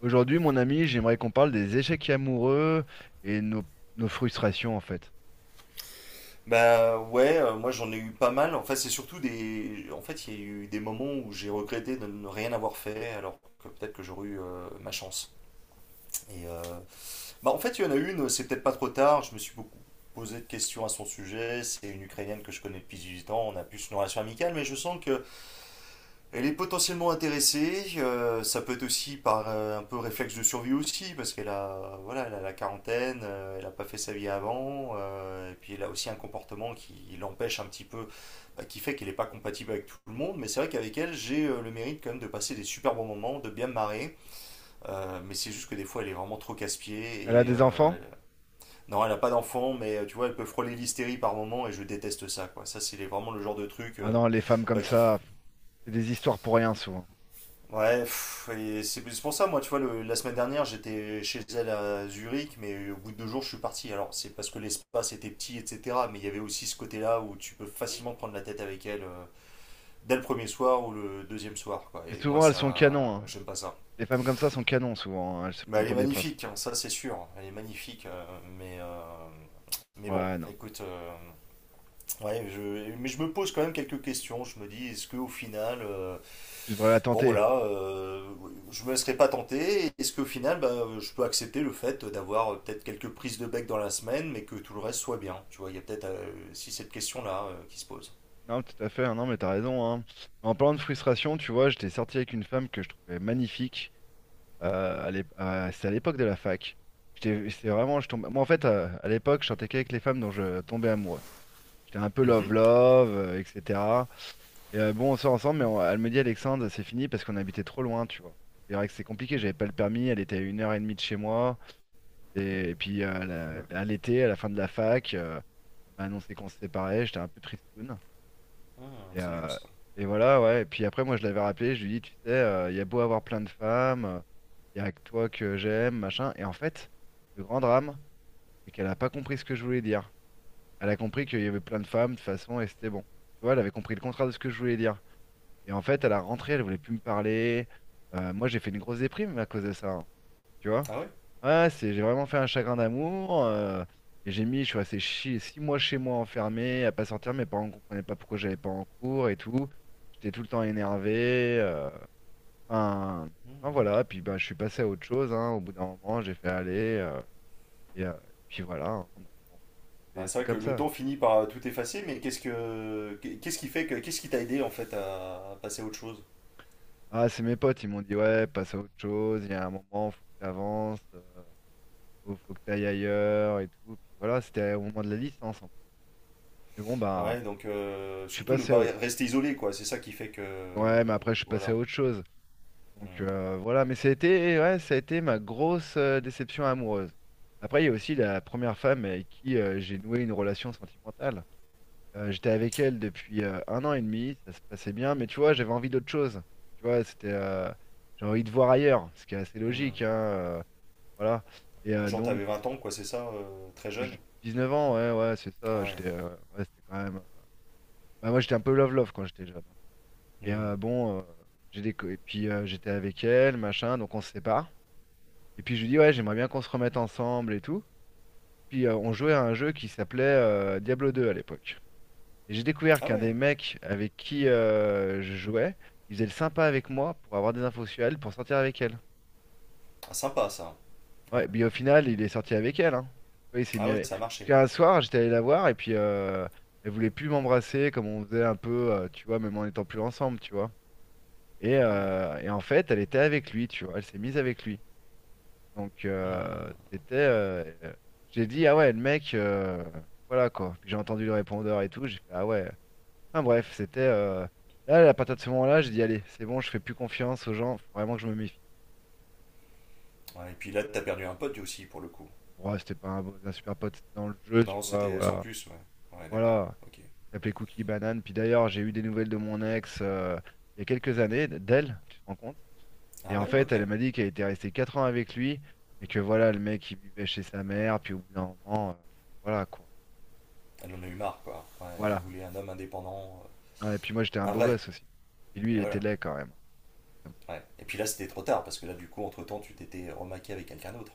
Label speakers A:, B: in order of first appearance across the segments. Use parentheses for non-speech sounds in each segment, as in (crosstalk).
A: Aujourd'hui, mon ami, j'aimerais qu'on parle des échecs amoureux et nos frustrations, en fait.
B: Bah ouais, moi j'en ai eu pas mal. En fait, c'est surtout des. En fait, il y a eu des moments où j'ai regretté de ne rien avoir fait, alors que peut-être que j'aurais eu ma chance. Et en fait, il y en a une. C'est peut-être pas trop tard. Je me suis beaucoup posé de questions à son sujet. C'est une Ukrainienne que je connais depuis 18 ans. On a plus une relation amicale, mais je sens que elle est potentiellement intéressée. Ça peut être aussi par un peu réflexe de survie aussi, parce qu'elle a voilà, elle a la quarantaine. Elle a pas fait sa vie avant. Et puis elle a aussi un comportement qui l'empêche un petit peu bah, qui fait qu'elle n'est pas compatible avec tout le monde, mais c'est vrai qu'avec elle, j'ai le mérite quand même de passer des super bons moments, de bien me marrer, mais c'est juste que des fois, elle est vraiment trop
A: Elle a
B: casse-pied, et
A: des enfants?
B: non, elle n'a pas d'enfant, mais tu vois, elle peut frôler l'hystérie par moment, et je déteste ça, quoi. Ça, c'est vraiment le genre de truc
A: Ah non, les femmes comme
B: bah, qui...
A: ça, c'est des histoires pour rien, souvent.
B: Ouais, pff, et c'est pour ça, moi, tu vois, la semaine dernière, j'étais chez elle à Zurich, mais au bout de 2 jours, je suis parti. Alors, c'est parce que l'espace était petit, etc., mais il y avait aussi ce côté-là où tu peux facilement te prendre la tête avec elle. Dès le premier soir ou le deuxième soir. Quoi.
A: Et
B: Et moi,
A: souvent, elles sont canons,
B: ça,
A: hein.
B: j'aime pas ça.
A: Les femmes comme ça sont canons, souvent, hein. Elles se
B: Mais
A: prennent
B: elle est
A: pour des princesses.
B: magnifique, hein, ça c'est sûr. Elle est magnifique, bon,
A: Ouais, non, mais non.
B: écoute, ouais, mais je me pose quand même quelques questions. Je me dis, est-ce que au final,
A: Tu devrais la
B: bon
A: tenter.
B: voilà, je me laisserai pas tenter. Est-ce qu'au final, bah, je peux accepter le fait d'avoir peut-être quelques prises de bec dans la semaine, mais que tout le reste soit bien. Tu vois, il y a peut-être si cette question-là qui se pose.
A: Non, tout à fait, hein, non, mais t'as raison, hein. Mais en parlant de frustration, tu vois, j'étais sorti avec une femme que je trouvais magnifique. C'était à l'époque de la fac. Je tombais... Moi, en fait, à l'époque, je sortais qu'avec les femmes dont je tombais amoureux. J'étais un peu
B: Mhm.
A: love-love, etc. Et bon, on sort ensemble, mais elle me dit, Alexandre, c'est fini parce qu'on habitait trop loin, tu vois. C'est vrai que c'est compliqué, j'avais pas le permis, elle était à 1 heure et demie de chez moi. Et, et puis, euh, à l'été, à la fin de la fac, elle m'a annoncé qu'on se séparait, j'étais un peu tristoun.
B: Hmm,
A: Et,
B: c'est dur
A: euh,
B: ça.
A: et voilà, ouais. Et puis après, moi, je l'avais rappelé, je lui ai dit, tu sais, il y a beau avoir plein de femmes, il y a que toi que j'aime, machin. Et en fait, le grand drame, c'est qu'elle a pas compris ce que je voulais dire. Elle a compris qu'il y avait plein de femmes, de toute façon, et c'était bon. Tu vois, elle avait compris le contraire de ce que je voulais dire. Et en fait, à la rentrée, elle voulait plus me parler. Moi, j'ai fait une grosse déprime à cause de ça, hein, tu vois?
B: Ah ouais?
A: Ouais, j'ai vraiment fait un chagrin d'amour. Je suis resté 6 mois chez moi enfermé, à pas sortir. Mes parents ne comprenaient pas pourquoi j'allais pas en cours et tout. J'étais tout le temps énervé. Enfin,
B: Hmm.
A: voilà. Puis ben, je suis passé à autre chose, hein. Au bout d'un moment, j'ai fait aller. Et puis voilà, hein. Donc, bon,
B: Bah,
A: c'est
B: c'est
A: c'est
B: vrai que
A: comme
B: le
A: ça.
B: temps finit par tout effacer, mais qu'est-ce qui t'a aidé en fait à passer à autre chose?
A: Ah, c'est mes potes, ils m'ont dit, ouais, passe à autre chose, il y a un moment, faut que tu avances, faut que tu ailles ailleurs et tout. Puis voilà, c'était au moment de la licence en plus. Mais bon, bah,
B: Ouais, donc
A: je suis
B: surtout ne
A: passé
B: pas
A: à...
B: rester isolé quoi, c'est ça qui fait que
A: Ouais, mais après, je suis passé
B: voilà.
A: à autre chose. Donc,
B: Mm.
A: voilà, mais ça a été, ouais, ça a été ma grosse déception amoureuse. Après, il y a aussi la première femme avec qui j'ai noué une relation sentimentale. J'étais avec elle depuis 1 an et demi, ça se passait bien, mais tu vois, j'avais envie d'autre chose. Tu vois, j'ai envie de voir ailleurs, ce qui est assez
B: Mm.
A: logique, hein. Voilà. Et
B: Genre
A: donc,
B: t'avais 20 ans quoi, c'est ça, très jeune.
A: j- 9 ans, ouais, ouais, c'est
B: Ah
A: ça.
B: ouais.
A: Ouais, c'était quand même. Bah, moi, j'étais un peu love-love quand j'étais jeune, hein. Et
B: Mm.
A: bon, j'ai des... Et puis j'étais avec elle, machin, donc on se sépare. Et puis je lui dis, ouais, j'aimerais bien qu'on se remette ensemble et tout. Puis on jouait à un jeu qui s'appelait Diablo deux à l'époque. Et j'ai découvert
B: Ah
A: qu'un
B: ouais.
A: des mecs avec qui je jouais, il faisait le sympa avec moi pour avoir des infos sur elle, pour sortir avec elle.
B: Ah, sympa ça.
A: Ouais,
B: Ouais.
A: puis au final, il est sorti avec elle, hein. Oui, il s'est mis
B: Ah ouais,
A: avec.
B: ça a
A: Parce
B: marché.
A: qu'un soir, j'étais allé la voir et puis elle voulait plus m'embrasser comme on faisait un peu, tu vois, même en étant plus ensemble, tu vois. Et,
B: Ah ouais.
A: euh, et en fait, elle était avec lui, tu vois. Elle s'est mise avec lui. Donc,
B: Hmm.
A: j'ai dit ah ouais, le mec, voilà quoi. Puis j'ai entendu le répondeur et tout. J'ai fait ah ouais. Enfin bref, c'était. Là, à partir de ce moment-là, j'ai dit allez, c'est bon, je fais plus confiance aux gens. Faut vraiment que je me méfie.
B: Ouais, et puis là t'as perdu un pote aussi pour le coup.
A: Bon, ouais, c'était pas un super pote, c'était dans le jeu, tu
B: Non,
A: vois.
B: c'était sans
A: Voilà,
B: plus, ouais. Ouais, d'accord.
A: voilà,
B: OK.
A: qui s'appelait Cookie Banane. Puis d'ailleurs, j'ai eu des nouvelles de mon ex il y a quelques années, d'elle, tu te rends compte? Et
B: Ah
A: en
B: ouais,
A: fait,
B: OK.
A: elle m'a dit qu'elle était restée 4 ans avec lui, mais que voilà, le mec, il vivait chez sa mère, puis au bout d'un moment, voilà quoi.
B: Elle en a eu marre quoi. Ouais, elle
A: Voilà.
B: voulait un homme indépendant,
A: Ah, et puis moi, j'étais un
B: un
A: beau
B: vrai.
A: gosse aussi. Et lui,
B: Et
A: il était
B: voilà.
A: laid quand même. Comme
B: Ouais. Et puis là, c'était trop tard parce que là, du coup, entre temps, tu t'étais remaqué avec quelqu'un d'autre.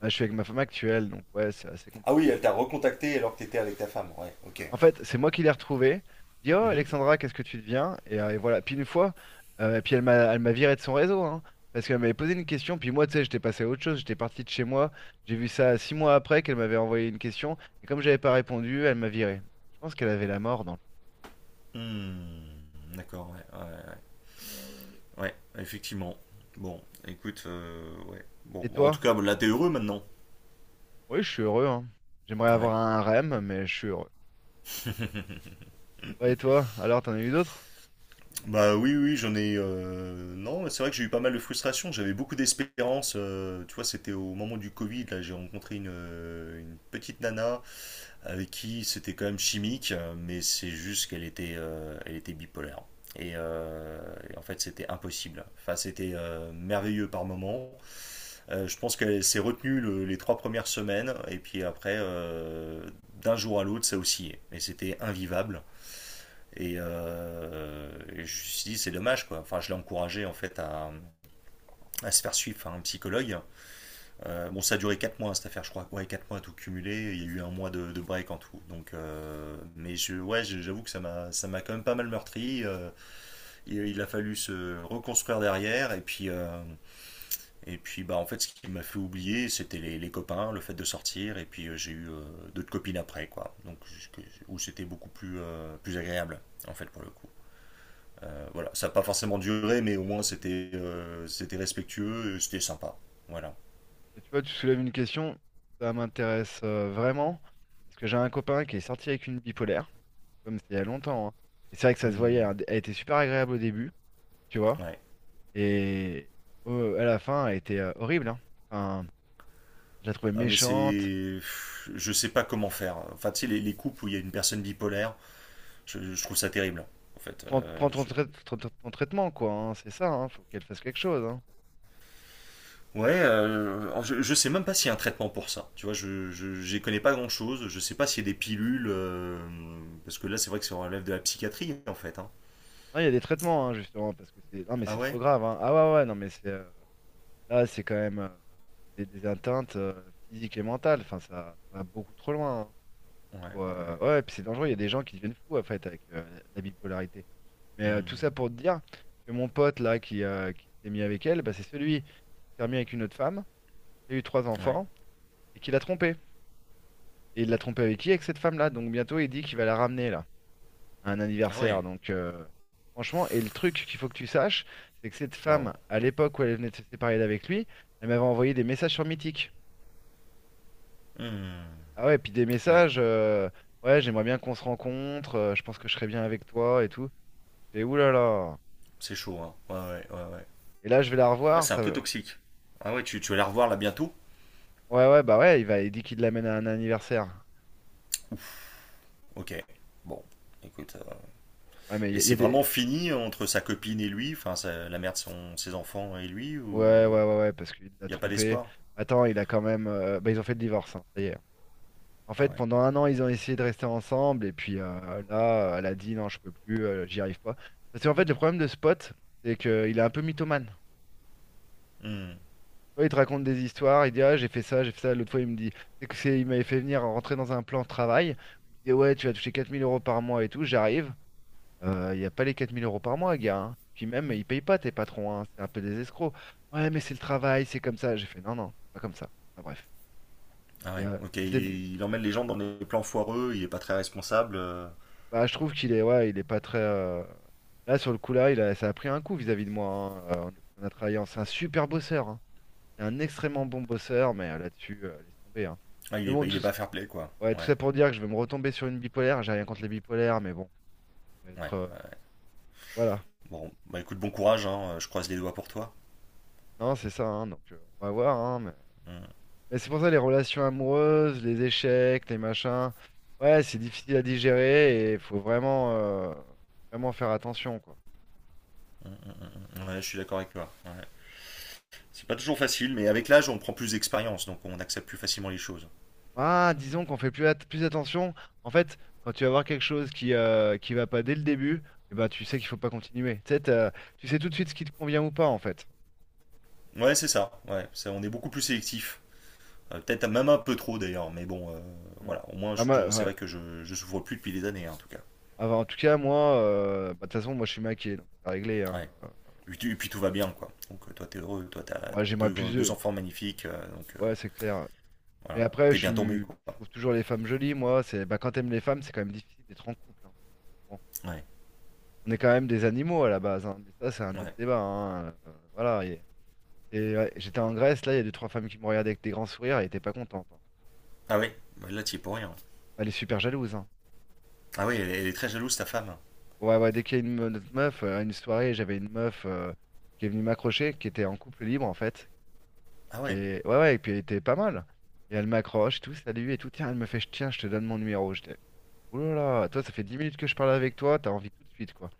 A: ça. Là, je suis avec ma femme actuelle, donc ouais, c'est assez
B: Ah oui,
A: compliqué.
B: elle t'a recontacté alors que t'étais avec ta femme. Ouais, ok.
A: En fait, c'est moi qui l'ai retrouvée. Je dis, oh
B: Mhm.
A: Alexandra, qu'est-ce que tu deviens? Et voilà. Puis une fois, et puis elle m'a viré de son réseau, hein, parce qu'elle m'avait posé une question. Puis moi, tu sais, j'étais passé à autre chose. J'étais parti de chez moi. J'ai vu ça 6 mois après qu'elle m'avait envoyé une question. Et comme j'avais pas répondu, elle m'a viré. Je pense qu'elle avait la mort dans le-
B: Hmm, d'accord, ouais, ouais, ouais, ouais, effectivement. Bon, écoute, ouais. Bon,
A: Et
B: en
A: toi?
B: tout cas, là, t'es heureux maintenant.
A: Oui, je suis heureux, hein. J'aimerais
B: Ouais.
A: avoir un REM, mais je suis heureux. Ouais, et toi? Alors, t'en as eu d'autres?
B: Bah oui, oui, j'en ai. Non, c'est vrai que j'ai eu pas mal de frustration. J'avais beaucoup d'espérance. Tu vois, c'était au moment du Covid. Là, j'ai rencontré une petite nana avec qui c'était quand même chimique, mais c'est juste qu'elle était, elle était bipolaire. Et, euh, et en fait, c'était impossible. Enfin, c'était merveilleux par moment. Je pense qu'elle s'est retenue les 3 premières semaines, et puis après, d'un jour à l'autre, ça oscillait. Et c'était invivable. Et je me suis dit, c'est dommage, quoi. Enfin, je l'ai encouragée, en fait, à se faire suivre par un psychologue. Bon, ça a duré 4 mois cette affaire, je crois. Ouais, 4 mois à tout cumulé. Il y a eu 1 mois de break en tout. Donc, mais ouais, j'avoue que ça ça m'a quand même pas mal meurtri. Et il a fallu se reconstruire derrière. Et puis, bah, en fait, ce qui m'a fait oublier, c'était les copains, le fait de sortir. Et puis, j'ai eu d'autres copines après, quoi. Donc, où c'était beaucoup plus, plus agréable, en fait, pour le coup. Voilà, ça n'a pas forcément duré, mais au moins c'était, c'était respectueux, et c'était sympa. Voilà.
A: Et tu vois, tu soulèves une question, ça m'intéresse vraiment, parce que j'ai un copain qui est sorti avec une bipolaire. Comme c'était il y a longtemps, hein. Et c'est vrai que ça se voyait,
B: Hmm.
A: hein. Elle était super agréable au début, tu vois.
B: Ouais.
A: Et à la fin, elle était horrible, hein. Enfin, je la trouvais
B: Ah, mais
A: méchante.
B: c'est. Je sais pas comment faire. Enfin, tu sais, les couples où il y a une personne bipolaire, je trouve ça terrible. En fait,
A: Prends, prends ton, trai- ton- ton- ton traitement, quoi, hein. C'est ça, hein. Faut qu'elle fasse quelque chose, hein.
B: Ouais, je sais même pas s'il y a un traitement pour ça. Tu vois, j'y connais pas grand chose. Je sais pas s'il y a des pilules. Parce que là, c'est vrai que ça relève de la psychiatrie, en fait. Hein.
A: Non, il y a des traitements, hein, justement, parce que c'est. Non, mais
B: Ah
A: c'est trop
B: ouais?
A: grave, hein. Ah ouais, ouais, non, mais c'est. Là, c'est quand même. C'est des atteintes physiques et mentales. Enfin, ça va beaucoup trop loin, hein.
B: Ouais, ouais, ouais.
A: Ouais, puis c'est dangereux. Il y a des gens qui deviennent fous, en fait, avec la bipolarité. Mais tout
B: Hmm.
A: ça pour te dire que mon pote là qui s'est mis avec elle, bah, c'est celui qui s'est remis avec une autre femme, qui a eu trois
B: Ouais.
A: enfants et qui l'a trompé. Et il l'a trompé avec qui? Avec cette femme-là. Donc bientôt il dit qu'il va la ramener là, à un
B: Ah ouais.
A: anniversaire. Donc, franchement, et le truc qu'il faut que tu saches, c'est que cette
B: Waouh.
A: femme, à l'époque où elle venait de se séparer d'avec lui, elle m'avait envoyé des messages sur Mythique.
B: Hmm.
A: Ah ouais, puis des
B: Ouais,
A: messages, ouais, j'aimerais bien qu'on se rencontre, je pense que je serais bien avec toi et tout. Et oulala.
B: c'est chaud, hein. Ouais, ouais, ouais, ouais.
A: Et là je vais la
B: Ouais,
A: revoir,
B: c'est un peu
A: ça.
B: toxique. Ah ouais, tu vas la revoir là bientôt?
A: Ouais, ouais, bah ouais, il va, il dit qu'il l'amène à un anniversaire.
B: Ok. Bon, écoute.
A: Ouais, mais
B: Et
A: il y
B: c'est
A: a des.
B: vraiment fini entre sa copine et lui, enfin la mère de son, ses enfants et lui, ou
A: Ouais, ouais, ouais, ouais, parce qu'il l'a
B: il n'y a pas
A: trompé.
B: d'espoir?
A: Attends, il a quand même. Bah, ils ont fait le divorce, hein, ça y est. En
B: Ah
A: fait,
B: ouais.
A: pendant un an, ils ont essayé de rester ensemble, et puis là, elle a dit non, je peux plus, j'y arrive pas. Parce qu'en fait, le problème de Spot, c'est qu'il est un peu mythomane. Tu
B: Hmm.
A: vois, il te raconte des histoires, il dit ah, j'ai fait ça, j'ai fait ça. L'autre fois, il me dit, il m'avait fait venir rentrer dans un plan de travail. Il me dit ouais, tu vas toucher 4 000 € par mois et tout, j'arrive. Il n'y a pas les 4 000 € par mois, gars, hein. Puis même, ils payent pas tes patrons, hein. C'est un peu des escrocs. Ouais, mais c'est le travail, c'est comme ça. J'ai fait non, non, c'est pas comme ça. Ah, bref.
B: Ah
A: Et,
B: ouais.
A: euh,
B: Ok,
A: c'est-
B: il emmène les gens dans des plans foireux, il est pas très responsable.
A: Bah, je trouve qu'il est, ouais, il est pas très. Là, sur le coup, là, il a... ça a pris un coup vis-à-vis de moi, hein. On a travaillé. C'est un super bosseur, hein. C'est un extrêmement bon bosseur, mais là-dessus, laisse tomber, hein.
B: Ah,
A: Mais bon,
B: il
A: tout...
B: est pas
A: s-
B: fair-play quoi.
A: ouais, tout
B: Ouais,
A: ça pour dire que je vais me retomber sur une bipolaire. J'ai rien contre les bipolaires, mais bon, ça va
B: ouais.
A: être. Voilà.
B: Bon, bah écoute, bon courage, hein, je croise les doigts pour toi.
A: Non, c'est ça, hein. Donc, on va voir, hein.
B: Hmm.
A: Mais c'est pour ça les relations amoureuses, les échecs, les machins, ouais, c'est difficile à digérer et il faut vraiment faire attention, quoi.
B: Ouais, je suis d'accord avec toi. Ouais. C'est pas toujours facile, mais avec l'âge, on prend plus d'expérience, donc on accepte plus facilement les choses.
A: Ah, disons qu'on fait plus attention. En fait, quand tu vas voir quelque chose qui va pas dès le début, eh ben, tu sais qu'il faut pas continuer. Tu sais, tu sais tout de suite ce qui te convient ou pas, en fait.
B: Ouais, c'est ça. Ouais, ça, on est beaucoup plus sélectif. Peut-être même un peu trop d'ailleurs, mais bon,
A: Hmm.
B: voilà. Au moins,
A: Ah,
B: c'est
A: ouais.
B: vrai que je souffre plus depuis des années, hein, en tout cas.
A: Ah, bah, en tout cas, moi, bah, de toute façon, moi, je suis maquillé, donc c'est réglé, hein.
B: Ouais. Et puis tout va bien, quoi. Donc toi, t'es heureux, toi, t'as
A: Ouais, j'aimerais plus...
B: deux enfants magnifiques, donc
A: Ouais, c'est clair. Mais
B: voilà.
A: après,
B: T'es bien tombé, quoi.
A: je trouve toujours les femmes jolies, moi. C'est, bah, quand t'aimes les femmes, c'est quand même difficile d'être en couple, hein. Bon,
B: Ouais,
A: on est quand même des animaux à la base, hein. Mais ça, c'est un autre
B: ouais.
A: débat, hein. Voilà. Ouais, j'étais en Grèce, là, il y a deux, trois femmes qui me regardaient avec des grands sourires, elles étaient pas contentes, hein. Bah,
B: Ah ouais, bah là, t'y es pour rien.
A: elle est super jalouse, hein.
B: Ah ouais, elle est très jalouse, ta femme.
A: Ouais, ouais, dès qu'il y a notre meuf, à une soirée, j'avais une meuf qui est venue m'accrocher, qui était en couple libre, en fait.
B: Ah
A: Qui
B: ouais,
A: est... Ouais, ouais, et puis elle était pas mal. Et elle m'accroche, tout, salut, et tout. Tiens, elle me fait, tiens, je te donne mon numéro. J'étais, oulala, toi, ça fait 10 minutes que je parle avec toi, t'as envie tout de suite, quoi.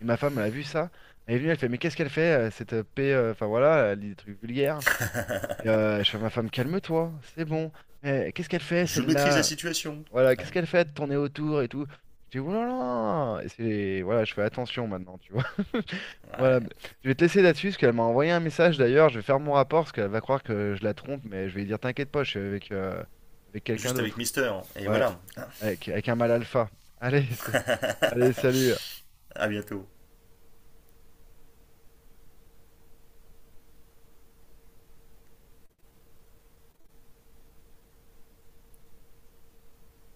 A: Et ma femme, elle a vu ça. Elle est venue, elle fait, mais qu'est-ce qu'elle fait, cette paix, enfin voilà, elle dit des trucs vulgaires. Je fais, à ma femme, calme-toi, c'est bon. Eh, qu'est-ce qu'elle fait,
B: je maîtrise la
A: celle-là?
B: situation.
A: Voilà, qu'est-ce
B: Ouais,
A: qu'elle fait de tourner autour et tout? Je dis, oulala! Et c'est, voilà, je fais attention maintenant, tu vois. (laughs)
B: ouais.
A: Voilà, mais je vais te laisser là-dessus, parce qu'elle m'a envoyé un message d'ailleurs, je vais faire mon rapport, parce qu'elle va croire que je la trompe, mais je vais lui dire, t'inquiète pas, je suis avec quelqu'un
B: Juste avec
A: d'autre.
B: Mister, hein. Et
A: Ouais,
B: voilà.
A: avec un mâle alpha. Allez, (laughs) allez, salut.
B: À bientôt.